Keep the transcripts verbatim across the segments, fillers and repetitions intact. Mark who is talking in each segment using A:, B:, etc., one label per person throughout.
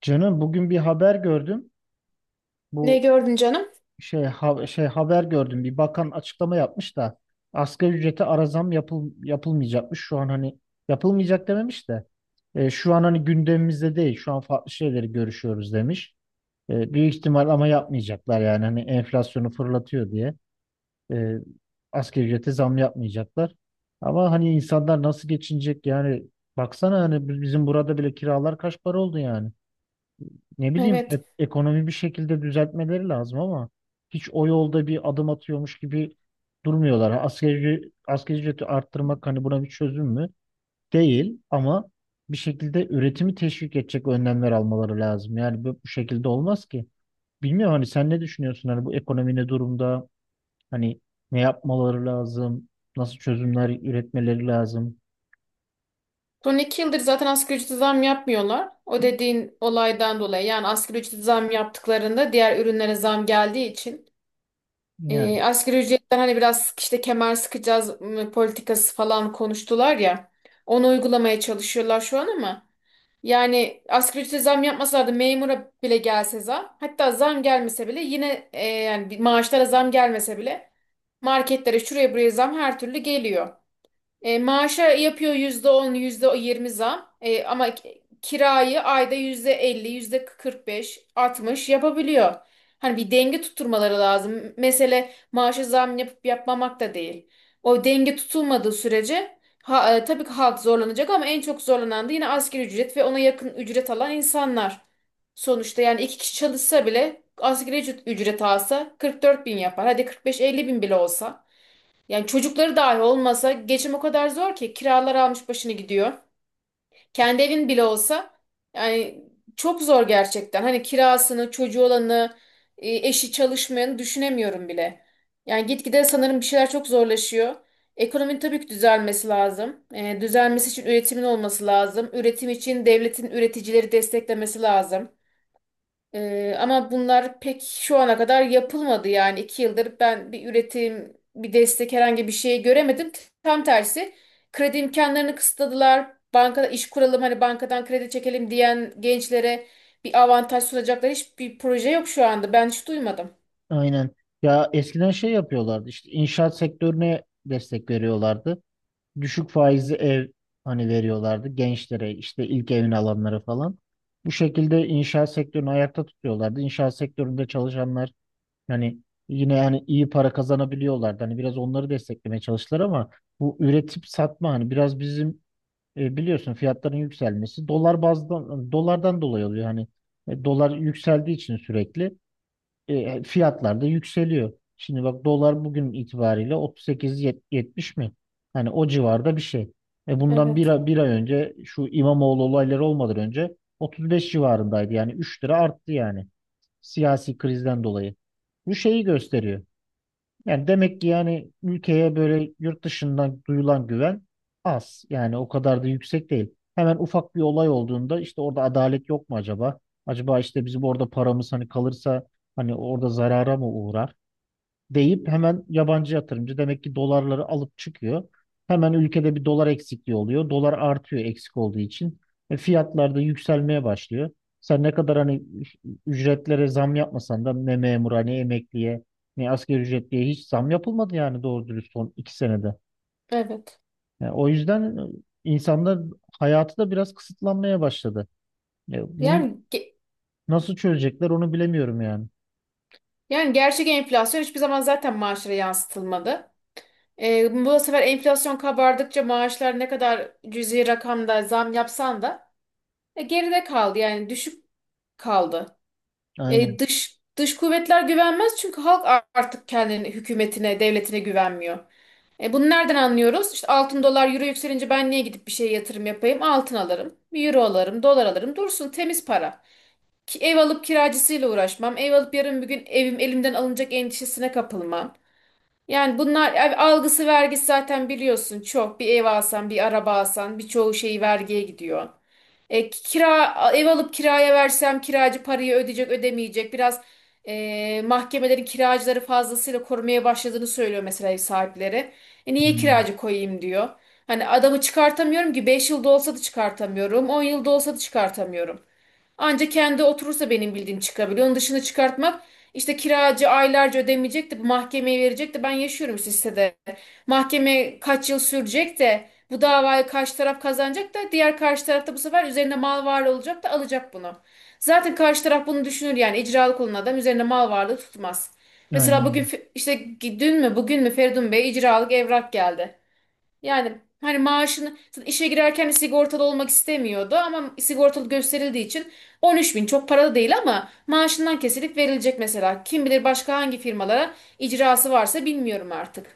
A: Canım, bugün bir haber gördüm.
B: Ne
A: Bu
B: gördün canım?
A: şey ha- şey haber gördüm. Bir bakan açıklama yapmış da asgari ücrete ara zam yapıl yapılmayacakmış. Şu an hani yapılmayacak dememiş de e, şu an hani gündemimizde değil. Şu an farklı şeyleri görüşüyoruz demiş. E, büyük ihtimal ama yapmayacaklar yani hani enflasyonu fırlatıyor diye. E, Asgari ücrete zam yapmayacaklar. Ama hani insanlar nasıl geçinecek yani baksana hani biz- bizim burada bile kiralar kaç para oldu yani. Ne bileyim
B: Evet.
A: e- ekonomi bir şekilde düzeltmeleri lazım ama hiç o yolda bir adım atıyormuş gibi durmuyorlar. Ha, Asgari, asgari ücreti arttırmak hani buna bir çözüm mü? Değil ama bir şekilde üretimi teşvik edecek önlemler almaları lazım. Yani bu, bu şekilde olmaz ki. Bilmiyorum, hani sen ne düşünüyorsun, hani bu ekonomi ne durumda? Hani ne yapmaları lazım? Nasıl çözümler üretmeleri lazım?
B: Son iki yıldır zaten asgari ücrete zam yapmıyorlar. O dediğin olaydan dolayı yani asgari ücrete zam yaptıklarında diğer ürünlere zam geldiği için
A: Yani
B: e, asgari ücretten hani biraz işte kemer sıkacağız, m, politikası falan konuştular ya. Onu uygulamaya çalışıyorlar şu an ama yani asgari ücrete zam yapmasalardı memura bile gelse zam, hatta zam gelmese bile yine, e, yani bir maaşlara zam gelmese bile marketlere şuraya buraya zam her türlü geliyor. E, maaşa yapıyor yüzde %20 zam. E, ama ki- kirayı ayda yüzde yüzde elli, yüzde kırk beş, altmış yapabiliyor. Hani bir denge tutturmaları lazım. Mesele maaşa zam yapıp yapmamak da değil. O denge tutulmadığı sürece, ha, e, tabii ki halk zorlanacak, ama en çok zorlanan da yine asgari ücret ve ona yakın ücret alan insanlar. Sonuçta yani iki kişi çalışsa bile asgari ücret, ücret alsa kırk dört bin yapar. Hadi kırk beş, elli bin bile olsa. Yani çocukları dahi olmasa geçim o kadar zor ki kiralar almış başını gidiyor. Kendi evin bile olsa yani çok zor gerçekten. Hani kirasını, çocuğu olanı, e, eşi çalışmayanı düşünemiyorum bile. Yani gitgide sanırım bir şeyler çok zorlaşıyor. Ekonominin tabii ki düzelmesi lazım. E, düzelmesi için üretimin olması lazım. Üretim için devletin üreticileri desteklemesi lazım. Ee, ama bunlar pek şu ana kadar yapılmadı yani iki yıldır ben bir üretim, bir destek, herhangi bir şey göremedim. Tam tersi, kredi imkanlarını kısıtladılar. Bankada iş kuralım, hani bankadan kredi çekelim diyen gençlere bir avantaj sunacaklar hiçbir proje yok şu anda. Ben hiç duymadım.
A: aynen. Ya eskiden şey yapıyorlardı, işte inşaat sektörüne destek veriyorlardı. Düşük faizli ev hani veriyorlardı gençlere, işte ilk evini alanlara falan. Bu şekilde inşaat sektörünü ayakta tutuyorlardı. İnşaat sektöründe çalışanlar hani yine yani iyi para kazanabiliyorlardı. Hani biraz onları desteklemeye çalıştılar ama bu üretip satma hani biraz bizim e, biliyorsun fiyatların yükselmesi dolar bazdan dolardan dolayı oluyor hani e, dolar yükseldiği için sürekli. E, fiyatlar da yükseliyor. Şimdi bak, dolar bugün itibariyle otuz sekiz yetmiş mi? Hani o civarda bir şey. E bundan bir,
B: Evet,
A: ay- bir ay önce şu İmamoğlu olayları olmadan önce otuz beş civarındaydı. Yani üç lira arttı yani siyasi krizden dolayı. Bu şeyi gösteriyor. Yani demek ki yani ülkeye böyle yurt dışından duyulan güven az. Yani o kadar da yüksek değil. Hemen ufak bir olay olduğunda işte orada adalet yok mu acaba? Acaba işte bizim orada paramız hani kalırsa hani orada zarara mı uğrar deyip hemen yabancı yatırımcı demek ki dolarları alıp çıkıyor. Hemen ülkede bir dolar eksikliği oluyor. Dolar artıyor eksik olduğu için. E, fiyatlar da yükselmeye başlıyor. Sen ne kadar hani ücretlere zam yapmasan da ne memura, ne emekliye, ne asgari ücretliye hiç zam yapılmadı yani doğru dürüst son iki senede.
B: evet.
A: Yani o yüzden e, insanlar hayatı da biraz kısıtlanmaya başladı. E, bunu
B: Yani ge-
A: nasıl çözecekler onu bilemiyorum yani.
B: yani gerçek enflasyon hiçbir zaman zaten maaşlara yansıtılmadı. Ee, bu sefer enflasyon kabardıkça maaşlar, ne kadar cüzi rakamda zam yapsan da E, geride kaldı, yani düşük kaldı. E,
A: Aynen.
B: dış dış kuvvetler güvenmez çünkü halk, a- artık kendini hükümetine, devletine güvenmiyor. E, bunu nereden anlıyoruz? İşte altın, dolar, euro yükselince ben niye gidip bir şeye yatırım yapayım? Altın alırım, bir euro alırım, dolar alırım. Dursun temiz para. Ki ev alıp kiracısıyla uğraşmam. Ev alıp yarın bir gün evim elimden alınacak endişesine kapılmam. Yani bunlar yani algısı, vergisi, zaten biliyorsun çok. Bir ev alsan, bir araba alsan, birçoğu şey vergiye gidiyor. E, kira ev alıp kiraya versem kiracı parayı ödeyecek, ödemeyecek. Biraz e, mahkemelerin kiracıları fazlasıyla korumaya başladığını söylüyor mesela ev sahipleri. E, niye
A: Hmm.
B: kiracı koyayım diyor. Hani adamı çıkartamıyorum ki, beş yılda olsa da çıkartamıyorum, on yılda olsa da çıkartamıyorum. Anca kendi oturursa benim bildiğim çıkabiliyor. Onun dışını çıkartmak, işte kiracı aylarca ödemeyecek de, mahkemeye verecek de, ben yaşıyorum işte sitede. Mahkeme kaç yıl sürecek de bu davayı karşı taraf kazanacak da, diğer karşı taraf da bu sefer üzerine mal varlığı olacak da alacak bunu. Zaten karşı taraf bunu düşünür, yani icralık olan adam üzerine mal varlığı tutmaz. Mesela bugün,
A: Aynen.
B: fe- işte dün mü bugün mü, Feridun Bey icralık evrak geldi. Yani hani maaşını, zaten işe girerken sigortalı olmak istemiyordu ama sigortalı gösterildiği için, on üç bin çok paralı değil ama maaşından kesilip verilecek mesela. Kim bilir başka hangi firmalara icrası varsa, bilmiyorum artık.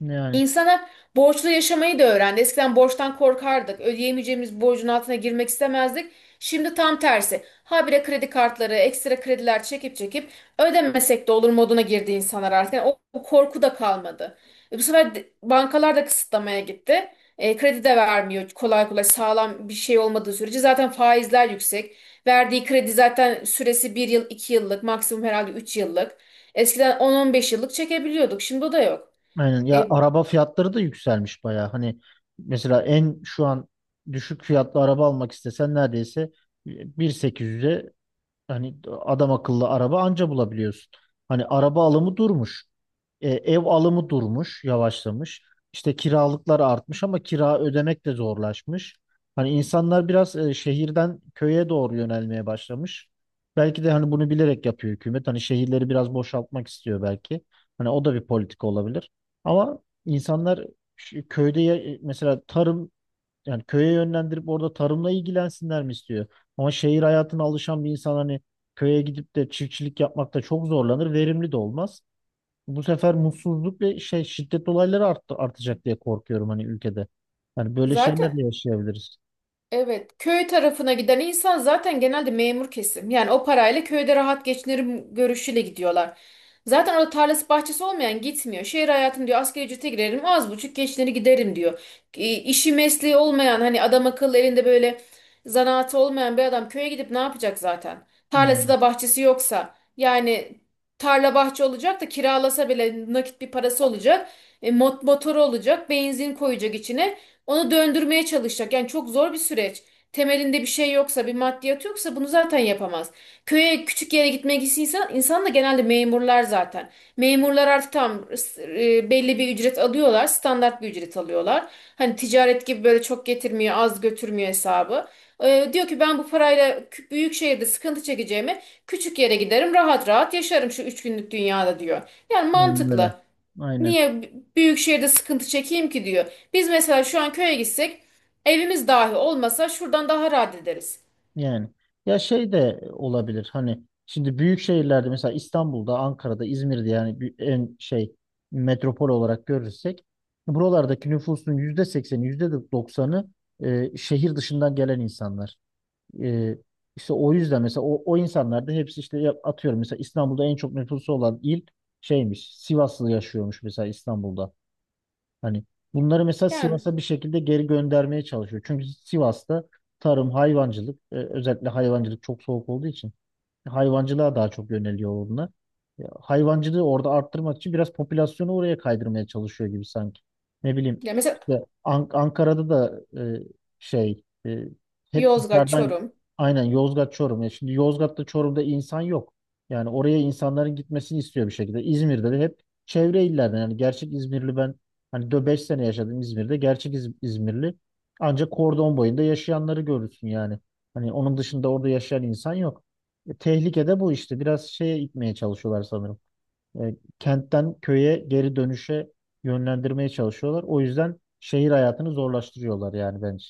A: Yani.
B: İnsanlar borçlu yaşamayı da öğrendi. Eskiden borçtan korkardık. Ödeyemeyeceğimiz borcun altına girmek istemezdik. Şimdi tam tersi. Habire kredi kartları, ekstra krediler çekip çekip ödemesek de olur moduna girdi insanlar artık. Yani o, o korku da kalmadı. E, bu sefer de- bankalar da kısıtlamaya gitti. E, kredi de vermiyor kolay kolay, sağlam bir şey olmadığı sürece. Zaten faizler yüksek. Verdiği kredi zaten süresi bir yıl, iki yıllık, maksimum herhalde üç yıllık. Eskiden on on beş yıllık çekebiliyorduk. Şimdi o da yok.
A: Aynen. Ya
B: E,
A: araba fiyatları da yükselmiş bayağı. Hani mesela en şu an düşük fiyatlı araba almak istesen neredeyse bin sekiz yüze hani adam akıllı araba anca bulabiliyorsun. Hani araba alımı durmuş. E, ev alımı durmuş, yavaşlamış. İşte kiralıklar artmış ama kira ödemek de zorlaşmış. Hani insanlar biraz e, şehirden köye doğru yönelmeye başlamış. Belki de hani bunu bilerek yapıyor hükümet. Hani şehirleri biraz boşaltmak istiyor belki. Hani o da bir politika olabilir. Ama insanlar ş- köyde ya- mesela tarım, yani köye yönlendirip orada tarımla ilgilensinler mi istiyor? Ama şehir hayatına alışan bir insan hani köye gidip de çiftçilik yapmakta çok zorlanır, verimli de olmaz. Bu sefer mutsuzluk ve şey şiddet olayları arttı, artacak diye korkuyorum hani ülkede. Yani böyle şeyler
B: Zaten
A: de yaşayabiliriz.
B: evet, köy tarafına giden insan zaten genelde memur kesim. Yani o parayla köyde rahat geçinirim görüşüyle gidiyorlar. Zaten orada tarlası, bahçesi olmayan gitmiyor. Şehir hayatım diyor, asgari ücrete girerim, az buçuk geçinir giderim diyor. E, işi mesleği olmayan, hani adam akıllı elinde böyle zanaatı olmayan bir adam köye gidip ne yapacak zaten? Tarlası
A: Yani,
B: da bahçesi yoksa, yani tarla bahçe olacak da, kiralasa bile nakit bir parası olacak. E, mot- motoru olacak, benzin koyacak içine. Onu döndürmeye çalışacak. Yani çok zor bir süreç. Temelinde bir şey yoksa, bir maddiyat yoksa, bunu zaten yapamaz. Köye, küçük yere gitmek istiyorsa insan, da genelde memurlar zaten. Memurlar artık tam, e, belli bir ücret alıyorlar, standart bir ücret alıyorlar. Hani ticaret gibi böyle çok getirmiyor, az götürmüyor hesabı. E, diyor ki ben bu parayla, kü- büyük şehirde sıkıntı çekeceğime küçük yere giderim, rahat rahat yaşarım şu üç günlük dünyada diyor. Yani
A: yani
B: mantıklı.
A: böyle. Aynen.
B: Niye büyük şehirde sıkıntı çekeyim ki diyor. Biz mesela şu an köye gitsek, evimiz dahi olmasa şuradan daha rahat ederiz.
A: Yani ya şey de olabilir hani şimdi büyük şehirlerde mesela İstanbul'da, Ankara'da, İzmir'de yani bir- en şey metropol olarak görürsek buralardaki nüfusun yüzde sekseni, yüzde doksanı e, şehir dışından gelen insanlar. E, işte o yüzden mesela o, o insanlar da hepsi işte ya- atıyorum mesela İstanbul'da en çok nüfusu olan il şeymiş, Sivaslı yaşıyormuş mesela İstanbul'da. Hani bunları mesela
B: Yani,
A: Sivas'a bir şekilde geri göndermeye çalışıyor. Çünkü Sivas'ta tarım, hayvancılık, e, özellikle hayvancılık çok soğuk olduğu için hayvancılığa daha çok yöneliyor onlar. Ya, hayvancılığı orada arttırmak için biraz popülasyonu oraya kaydırmaya çalışıyor gibi sanki. Ne bileyim
B: ya mesela
A: işte An- Ankara'da da e, şey e, hep
B: Yozgat,
A: dışarıdan,
B: Çorum.
A: aynen Yozgat, Çorum. Ya şimdi Yozgat'ta, Çorum'da insan yok. Yani oraya insanların gitmesini istiyor bir şekilde. İzmir'de de hep çevre illerden, yani gerçek İzmirli, ben hani beş sene yaşadım İzmir'de. Gerçek İz- İzmirli ancak kordon boyunda yaşayanları görürsün yani. Hani onun dışında orada yaşayan insan yok. E, Tehlike de bu işte. Biraz şeye itmeye çalışıyorlar sanırım. E, kentten köye geri dönüşe yönlendirmeye çalışıyorlar. O yüzden şehir hayatını zorlaştırıyorlar yani bence.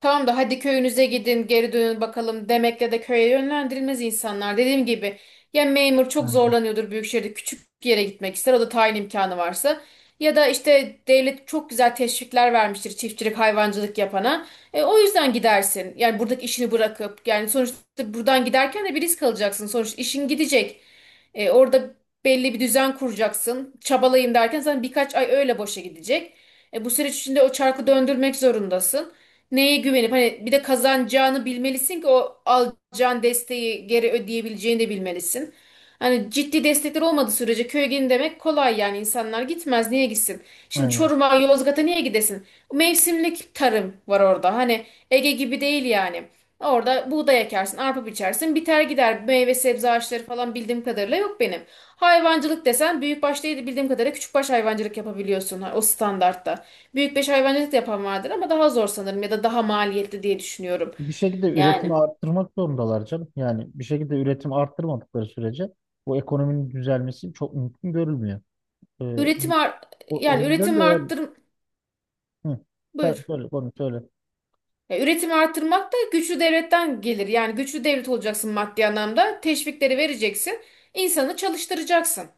B: Tamam da, hadi köyünüze gidin, geri dönün bakalım demekle de köye yönlendirilmez insanlar. Dediğim gibi, ya memur çok
A: Aynen.
B: zorlanıyordur büyük şehirde, küçük bir yere gitmek ister, o da tayin imkanı varsa. Ya da işte devlet çok güzel teşvikler vermiştir çiftçilik hayvancılık yapana. E, o yüzden gidersin, yani buradaki işini bırakıp, yani sonuçta buradan giderken de bir risk alacaksın. Sonuçta işin gidecek. E, orada belli bir düzen kuracaksın. Çabalayayım derken zaten birkaç ay öyle boşa gidecek. E, bu süreç içinde o çarkı döndürmek zorundasın, neye güvenip, hani bir de kazanacağını bilmelisin ki o alacağın desteği geri ödeyebileceğini de bilmelisin. Hani ciddi destekler olmadığı sürece köye gidin demek kolay, yani insanlar gitmez, niye gitsin? Şimdi
A: Aynen.
B: Çorum'a, Yozgat'a niye gidesin? Mevsimlik tarım var orada, hani Ege gibi değil yani. Orada buğday ekersin, arpa biçersin, biter gider. Meyve sebze ağaçları falan bildiğim kadarıyla yok benim. Hayvancılık desen büyükbaş değil de, bildiğim kadarıyla küçükbaş hayvancılık yapabiliyorsun, ha, o standartta. Büyük beş hayvancılık da yapan vardır ama daha zor sanırım, ya da daha maliyetli diye düşünüyorum.
A: Bir şekilde üretimi
B: Yani
A: arttırmak zorundalar canım. Yani bir şekilde üretimi arttırmadıkları sürece bu ekonominin düzelmesi çok mümkün görülmüyor. E,
B: üretim ar-
A: o, o
B: Yani
A: yüzden
B: üretim
A: de yani
B: arttır,
A: Hı, sen
B: buyur.
A: söyle, konu söyle.
B: Ya, üretimi arttırmak da güçlü devletten gelir. Yani güçlü devlet olacaksın maddi anlamda. Teşvikleri vereceksin, insanı çalıştıracaksın.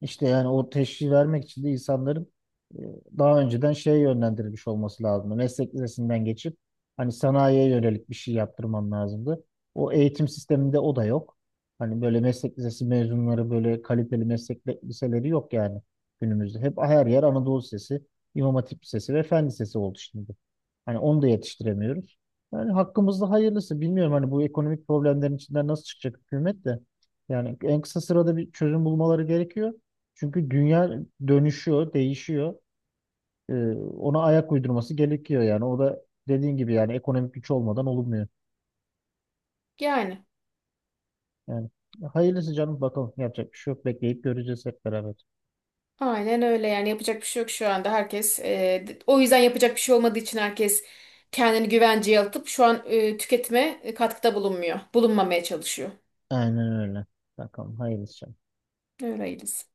A: İşte yani o teşhisi vermek için de insanların e, daha önceden şeye yönlendirilmiş olması lazımdı. Meslek lisesinden geçip hani sanayiye yönelik bir şey yaptırman lazımdı. O eğitim sisteminde o da yok. Hani böyle meslek lisesi mezunları, böyle kaliteli meslek li- liseleri yok yani günümüzde. Hep her yer Anadolu Lisesi, İmam Hatip Lisesi ve Fen Lisesi oldu şimdi. Hani onu da yetiştiremiyoruz. Yani hakkımızda hayırlısı. Bilmiyorum hani bu ekonomik problemlerin içinden nasıl çıkacak hükümet de. Yani en kısa sırada bir çözüm bulmaları gerekiyor. Çünkü dünya dönüşüyor, değişiyor. Ee, Ona ayak uydurması gerekiyor yani. O da dediğin gibi yani ekonomik güç olmadan olmuyor.
B: Yani
A: Yani hayırlısı canım, bakalım yapacak bir şey yok. Bekleyip göreceğiz hep beraber.
B: aynen öyle, yani yapacak bir şey yok şu anda. Herkes, e, o yüzden yapacak bir şey olmadığı için herkes kendini güvenceye atıp şu an e, tüketime, e, katkıda bulunmuyor. Bulunmamaya çalışıyor.
A: Aynen öyle. Bakalım hayırlısı.
B: Öyleyiz.